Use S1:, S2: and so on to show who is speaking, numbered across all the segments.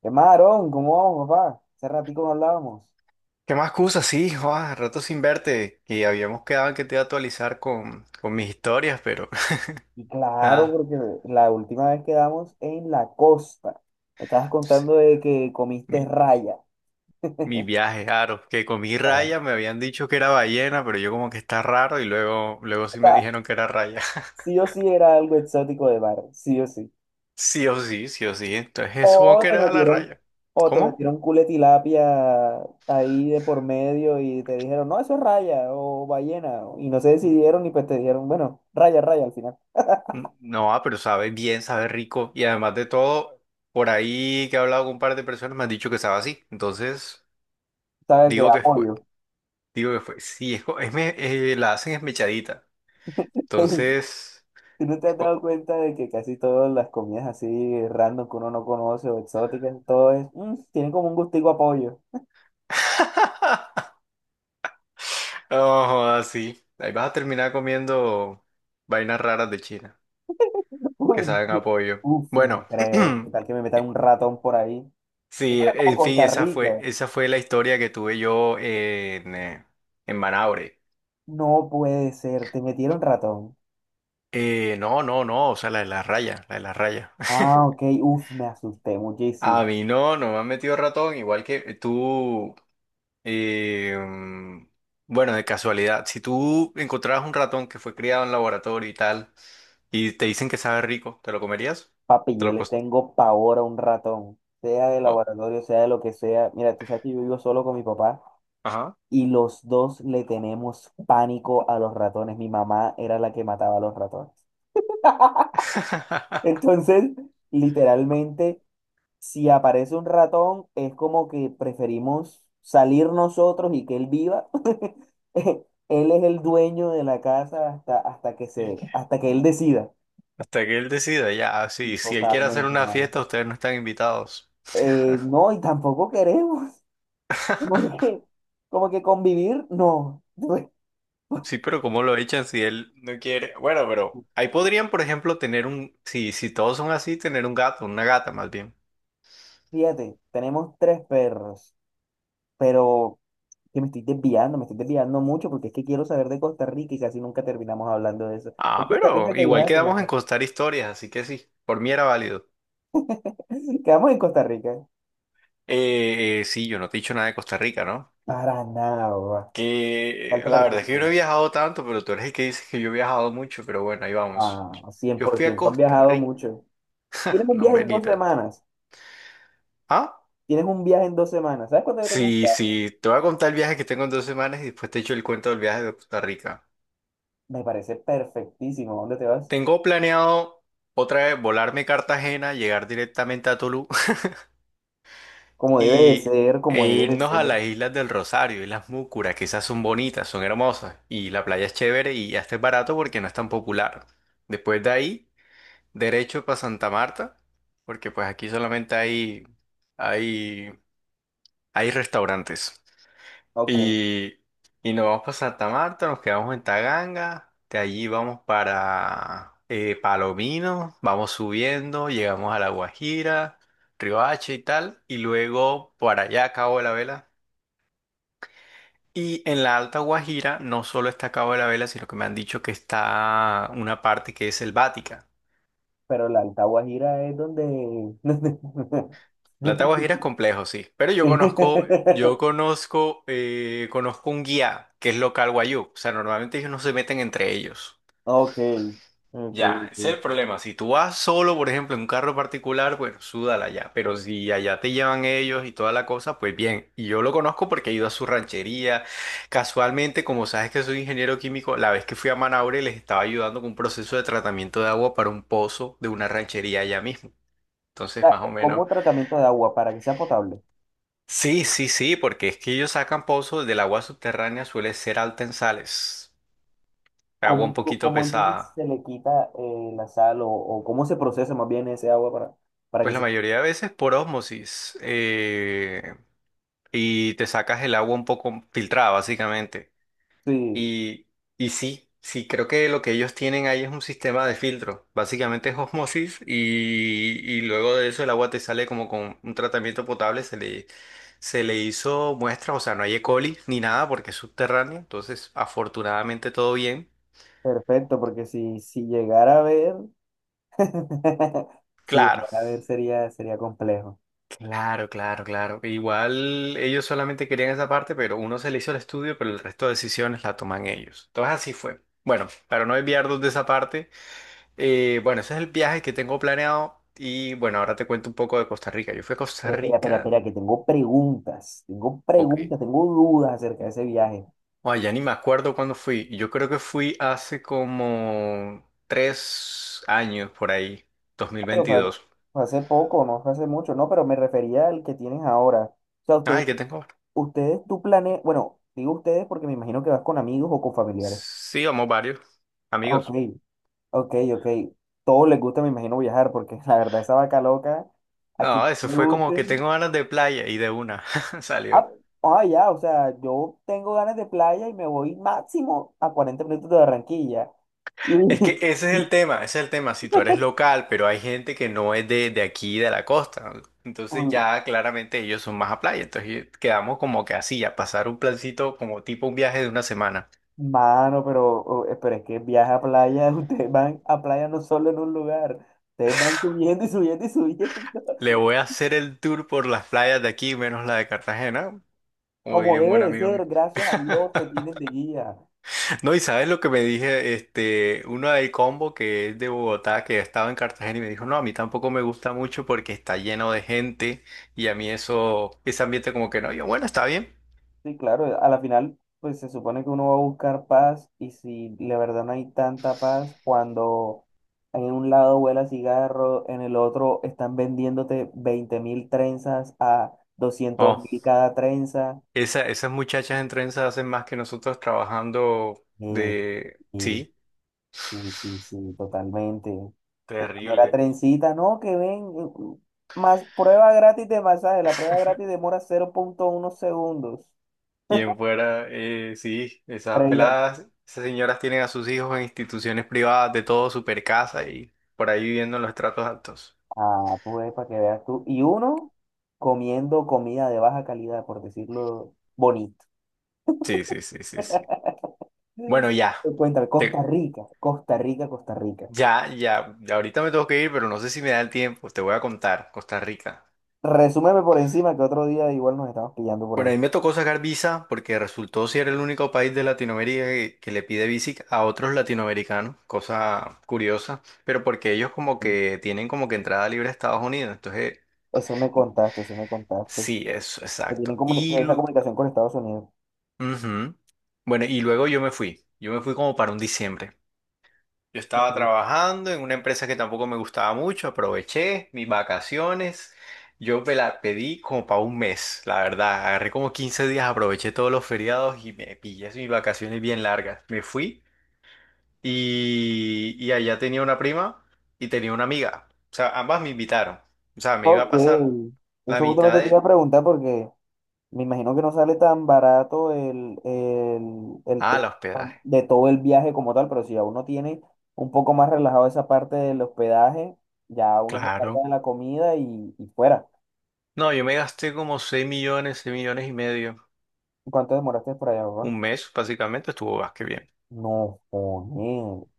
S1: ¿Qué más, Aarón? ¿Cómo vamos, papá? Hace ratico no hablábamos.
S2: ¿Qué más cosas? Sí, Juan, rato sin verte. Y habíamos quedado en que te iba a actualizar con mis historias, pero
S1: Y claro,
S2: nada.
S1: porque la última vez quedamos en la costa. Me estabas
S2: Pues,
S1: contando de que comiste
S2: Mi,
S1: raya.
S2: mi viaje, claro. Que comí
S1: Claro.
S2: raya, me habían dicho que era ballena, pero yo como que está raro y luego, luego
S1: O
S2: sí me
S1: sea,
S2: dijeron que era raya.
S1: sí o sí era algo exótico de bar, sí o sí.
S2: Sí o sí, sí o sí. Entonces supongo
S1: O
S2: que
S1: te
S2: era la
S1: metieron,
S2: raya.
S1: o te
S2: ¿Cómo?
S1: metieron culetilapia ahí de por medio y te dijeron, no, eso es raya o ballena. Y no se decidieron y pues te dijeron, bueno, raya, raya al final.
S2: No, ah, pero sabe bien, sabe rico. Y además de todo, por ahí que he hablado con un par de personas me han dicho que sabe así. Entonces,
S1: ¿Sabes qué?
S2: digo que fue.
S1: Apoyo.
S2: Digo que fue. Sí, es, la hacen esmechadita. Entonces.
S1: ¿Tú no te
S2: es
S1: has dado
S2: co-
S1: cuenta de que casi todas las comidas así random que uno no conoce o exóticas, todo es, "Mm, tienen como un gustico a pollo?
S2: Oh, así. Ahí vas a terminar comiendo vainas raras de China que
S1: Uy,
S2: saben a pollo.
S1: uf, no
S2: Bueno,
S1: creo. ¿Qué tal que me metan un ratón por ahí? Es
S2: sí,
S1: como
S2: en fin,
S1: Costa Rica.
S2: esa fue la historia que tuve yo en Manaure.
S1: No puede ser, te metieron ratón.
S2: No, no, no, o sea, la de la raya, la de la raya.
S1: Ah, ok, uf, me asusté muchísimo.
S2: A mí no, no me han metido ratón, igual que tú. Eh, mm, bueno, de casualidad, si tú encontraras un ratón que fue criado en laboratorio y tal, y te dicen que sabe rico, ¿te lo comerías?
S1: Papi,
S2: Te
S1: yo
S2: lo
S1: le
S2: cos-
S1: tengo pavor a un ratón, sea de
S2: oh,
S1: laboratorio, sea de lo que sea. Mira, tú sabes que yo vivo solo con mi papá.
S2: ajá.
S1: Y los dos le tenemos pánico a los ratones. Mi mamá era la que mataba a los ratones. Entonces, literalmente, si aparece un ratón, es como que preferimos salir nosotros y que él viva. Él es el dueño de la casa hasta, hasta que
S2: Y
S1: se, hasta que él decida.
S2: hasta que él decida, ya, ah,
S1: Sí,
S2: sí, si él quiere hacer
S1: totalmente,
S2: una
S1: hermano.
S2: fiesta, ustedes no están invitados.
S1: No, y tampoco queremos. Como que, como que convivir, no.
S2: Sí, pero ¿cómo lo echan si él no quiere? Bueno, pero ahí podrían, por ejemplo, tener un, si, si todos son así, tener un gato, una gata más bien.
S1: Fíjate, tenemos tres perros, pero que me estoy desviando, mucho porque es que quiero saber de Costa Rica y casi nunca terminamos hablando de eso. ¿En
S2: Ah,
S1: Costa Rica
S2: pero
S1: que
S2: igual
S1: viajaste,
S2: quedamos en
S1: verdad?
S2: contar historias, así que sí, por mí era válido.
S1: Quedamos en Costa Rica.
S2: Sí, yo no te he dicho nada de Costa Rica, ¿no?
S1: Para nada.
S2: Que
S1: ¿Qué te
S2: la
S1: parece
S2: verdad es
S1: ese
S2: que yo no he
S1: país?
S2: viajado tanto, pero tú eres el que dices que yo he viajado mucho, pero bueno, ahí vamos.
S1: Ah,
S2: Yo
S1: cien
S2: yo
S1: por
S2: fui a
S1: ciento. Has
S2: Costa
S1: viajado
S2: Rica,
S1: mucho. Tienes un
S2: no,
S1: viaje en dos
S2: Belita.
S1: semanas.
S2: ¿Ah?
S1: Tienes un viaje en dos semanas. ¿Sabes cuándo yo tengo un
S2: Sí,
S1: viaje?
S2: sí, te voy a contar el viaje que tengo en dos semanas y después te echo el cuento del viaje de Costa Rica.
S1: Me parece perfectísimo. ¿Dónde te vas?
S2: Tengo planeado otra vez volarme a Cartagena, llegar directamente a Tolú.
S1: Como debe de
S2: Y
S1: ser,
S2: e
S1: como debe de
S2: irnos a
S1: ser.
S2: las Islas del Rosario, Islas Múcura, que esas son bonitas, son hermosas. Y la playa es chévere y hasta es barato porque no es tan popular. Después de ahí, derecho para Santa Marta, porque pues aquí solamente hay, hay restaurantes.
S1: Ok,
S2: Y, y nos vamos para Santa Marta, nos quedamos en Taganga, de allí vamos para Palomino, vamos subiendo, llegamos a La Guajira. Riohacha y tal, y luego para allá a Cabo de la Vela. Y en la Alta Guajira no solo está Cabo de la Vela, sino que me han dicho que está una parte que es selvática.
S1: pero la Alta Guajira es donde...
S2: La Alta Guajira es complejo, sí, pero
S1: Sí.
S2: yo conozco, conozco un guía que es local guayú. O sea, normalmente ellos no se meten entre ellos.
S1: Ok, ok,
S2: Ya, ese es el
S1: ok.
S2: problema. Si tú vas solo, por ejemplo, en un carro particular, bueno, súdala ya. Pero si allá te llevan ellos y toda la cosa, pues bien. Y yo lo conozco porque he ido a su ranchería. Casualmente, como sabes que soy ingeniero químico, la vez que fui a Manaure les estaba ayudando con un proceso de tratamiento de agua para un pozo de una ranchería allá mismo. Entonces,
S1: Sea,
S2: más o menos.
S1: como tratamiento de agua para que sea potable,
S2: Sí, sí, sí, porque es que ellos sacan pozos del agua subterránea, suele ser alta en sales. Agua un
S1: ¿cómo,
S2: poquito
S1: cómo entonces
S2: pesada.
S1: se le quita la sal o, cómo se procesa más bien ese agua para
S2: Pues
S1: que
S2: la
S1: se...
S2: mayoría de veces por ósmosis. Y te sacas el agua un poco filtrada, básicamente.
S1: Sí,
S2: Y, y sí, sí, creo que lo que ellos tienen ahí es un sistema de filtro. Básicamente es osmosis y luego de eso el agua te sale como con un tratamiento potable, se le hizo muestras, o sea, no hay E. coli ni nada porque es subterráneo, entonces afortunadamente todo bien.
S1: perfecto, porque si, llegara a ver, si
S2: Claro,
S1: llegara a ver sería, sería complejo.
S2: claro, claro, claro. Igual ellos solamente querían esa parte, pero uno se le hizo el estudio, pero el resto de decisiones la toman ellos. Entonces así fue. Bueno, para no desviarnos de esa parte, bueno, ese es el viaje que tengo planeado y bueno, ahora te cuento un poco de Costa Rica. Yo fui a Costa
S1: Pero espera, espera,
S2: Rica,
S1: espera, que tengo preguntas, tengo
S2: ok.
S1: preguntas, tengo dudas acerca de ese viaje.
S2: Ay, ya ni me acuerdo cuándo fui. Yo creo que fui hace como tres años por ahí,
S1: Ah, pero fue,
S2: 2022.
S1: fue hace poco, no fue hace mucho, no, pero me refería al que tienes ahora. O sea,
S2: Ay,
S1: usted,
S2: ¿qué tengo ahora?
S1: ustedes, tú planeas, bueno, digo ustedes porque me imagino que vas con amigos o con familiares.
S2: Sí, vamos varios
S1: Ah,
S2: amigos.
S1: ok, ok, ok. Todos les gusta, me imagino, viajar porque la verdad esa vaca loca, a
S2: No,
S1: quien
S2: eso
S1: le
S2: fue como que
S1: guste.
S2: tengo ganas de playa y de una salió.
S1: Ah, ah, ya, o sea, yo tengo ganas de playa y me voy máximo a 40 minutos de Barranquilla.
S2: Es que
S1: Y-
S2: ese es el tema, ese es el tema. Si tú eres local, pero hay gente que no es de aquí, de la costa, entonces
S1: Uy,
S2: ya claramente ellos son más a playa. Entonces quedamos como que así, a pasar un plancito como tipo un viaje de una semana.
S1: mano, pero, oh, pero es que viaja a playa, ustedes van a playa no solo en un lugar, ustedes van subiendo y subiendo y subiendo.
S2: Le voy a hacer el tour por las playas de aquí, menos la de Cartagena, como
S1: Como
S2: diría un
S1: debe
S2: buen
S1: de
S2: amigo mío.
S1: ser, gracias a Dios te tienen de guía.
S2: No, y sabes lo que me dije, este, uno del combo que es de Bogotá, que estaba en Cartagena y me dijo, no, a mí tampoco me gusta mucho porque está lleno de gente y a mí eso, ese ambiente como que no. Yo, bueno, está bien.
S1: Sí, claro, a la final, pues se supone que uno va a buscar paz y si la verdad no hay tanta paz, cuando en un lado huela cigarro, en el otro están vendiéndote 20.000 trenzas a doscientos
S2: Oh,
S1: mil cada trenza.
S2: esa, esas muchachas en trenza hacen más que nosotros trabajando
S1: eh,
S2: de,
S1: y
S2: sí,
S1: sí, sí, sí, totalmente. Una mera
S2: terrible.
S1: trencita, no, que ven, más prueba gratis de masaje, la prueba gratis demora 0,1 segundos.
S2: Quien fuera, sí, esas
S1: Previa,
S2: peladas, esas señoras tienen a sus hijos en instituciones privadas de todo, super casa y por ahí viviendo en los estratos altos.
S1: ah, pues para que veas tú. Y uno comiendo comida de baja calidad, por decirlo bonito.
S2: Sí, sí, sí, sí, sí.
S1: Mm.
S2: Bueno, ya.
S1: Pues cuéntame,
S2: Te-
S1: Costa Rica, Costa Rica, Costa Rica.
S2: ya Ahorita me tengo que ir, pero no sé si me da el tiempo. Te voy a contar. Costa Rica.
S1: Resúmeme por encima que otro día igual nos estamos pillando por
S2: Bueno,
S1: ahí.
S2: a mí me tocó sacar visa porque resultó ser el único país de Latinoamérica que le pide visa a otros latinoamericanos, cosa curiosa, pero porque ellos como
S1: Mm.
S2: que tienen como que entrada libre a Estados Unidos, entonces
S1: Eso me contaste, eso me contaste.
S2: sí, eso,
S1: Que tienen
S2: exacto.
S1: comuni-
S2: Y,
S1: esa comunicación con Estados Unidos.
S2: ujú. Bueno, y luego yo me fui como para un diciembre. Yo
S1: Ok.
S2: estaba trabajando en una empresa que tampoco me gustaba mucho, aproveché mis vacaciones, yo me la pedí como para un mes, la verdad, agarré como 15 días, aproveché todos los feriados y me pillé así mis vacaciones bien largas. Me fui y allá tenía una prima y tenía una amiga, o sea, ambas me invitaron, o sea, me iba a
S1: Ok.
S2: pasar la
S1: Eso
S2: mitad
S1: justamente te iba
S2: de...
S1: a preguntar porque me imagino que no sale tan barato el, el, el
S2: Ah, el
S1: te-
S2: hospedaje,
S1: de todo el viaje como tal, pero si ya uno tiene un poco más relajado esa parte del hospedaje, ya uno se carga
S2: claro.
S1: de la comida y fuera.
S2: No, yo me gasté como 6.000.000, 6.500.000,
S1: ¿Cuánto demoraste por allá,
S2: un
S1: papá?
S2: mes básicamente, estuvo más que bien.
S1: No,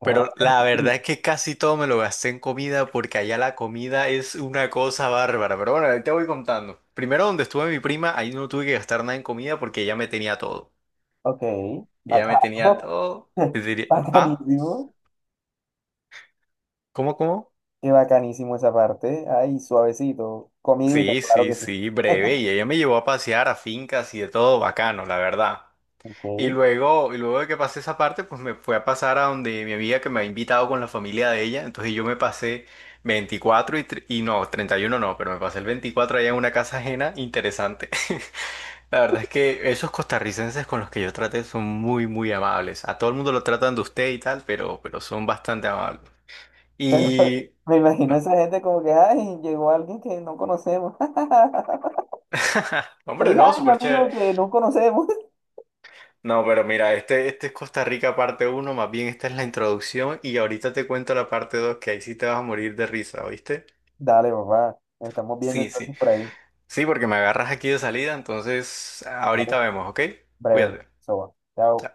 S1: joder,
S2: Pero
S1: re
S2: la verdad es
S1: bien.
S2: que casi todo me lo gasté en comida porque allá la comida es una cosa bárbara. Pero bueno, ahí te voy contando. Primero donde estuve mi prima, ahí no tuve que gastar nada en comida porque ella me tenía todo.
S1: Ok,
S2: Ella me tenía
S1: bacano.
S2: todo. Es decir, ah,
S1: Bacanísimo.
S2: ¿cómo, cómo?
S1: Qué bacanísimo esa parte. Ay, suavecito. Comidita,
S2: Sí,
S1: claro
S2: sí,
S1: que sí.
S2: sí, breve. Y ella me llevó a pasear a fincas y de todo bacano, la verdad.
S1: Ok.
S2: Y luego de que pasé esa parte, pues me fue a pasar a donde mi amiga que me ha invitado con la familia de ella. Entonces yo me pasé 24 y, tr- y no, 31 no, pero me pasé el 24 allá en una casa ajena. Interesante. La verdad es que esos costarricenses con los que yo traté son muy, muy amables. A todo el mundo lo tratan de usted y tal, pero son bastante amables.
S1: Pero
S2: Y...
S1: me imagino esa gente como que, ay, llegó alguien que no conocemos.
S2: Hombre,
S1: Feliz
S2: no,
S1: año,
S2: súper chévere.
S1: amigo, que no conocemos.
S2: No, pero mira, este es Costa Rica parte uno, más bien esta es la introducción y ahorita te cuento la parte 2 que ahí sí te vas a morir de risa, ¿oíste?
S1: Dale, papá. Nos estamos viendo
S2: Sí, sí.
S1: entonces por ahí.
S2: Sí, porque me agarras aquí de salida, entonces
S1: Dale,
S2: ahorita vemos, ¿ok?
S1: breve.
S2: Cuídate.
S1: Soba. Chao.
S2: Chao.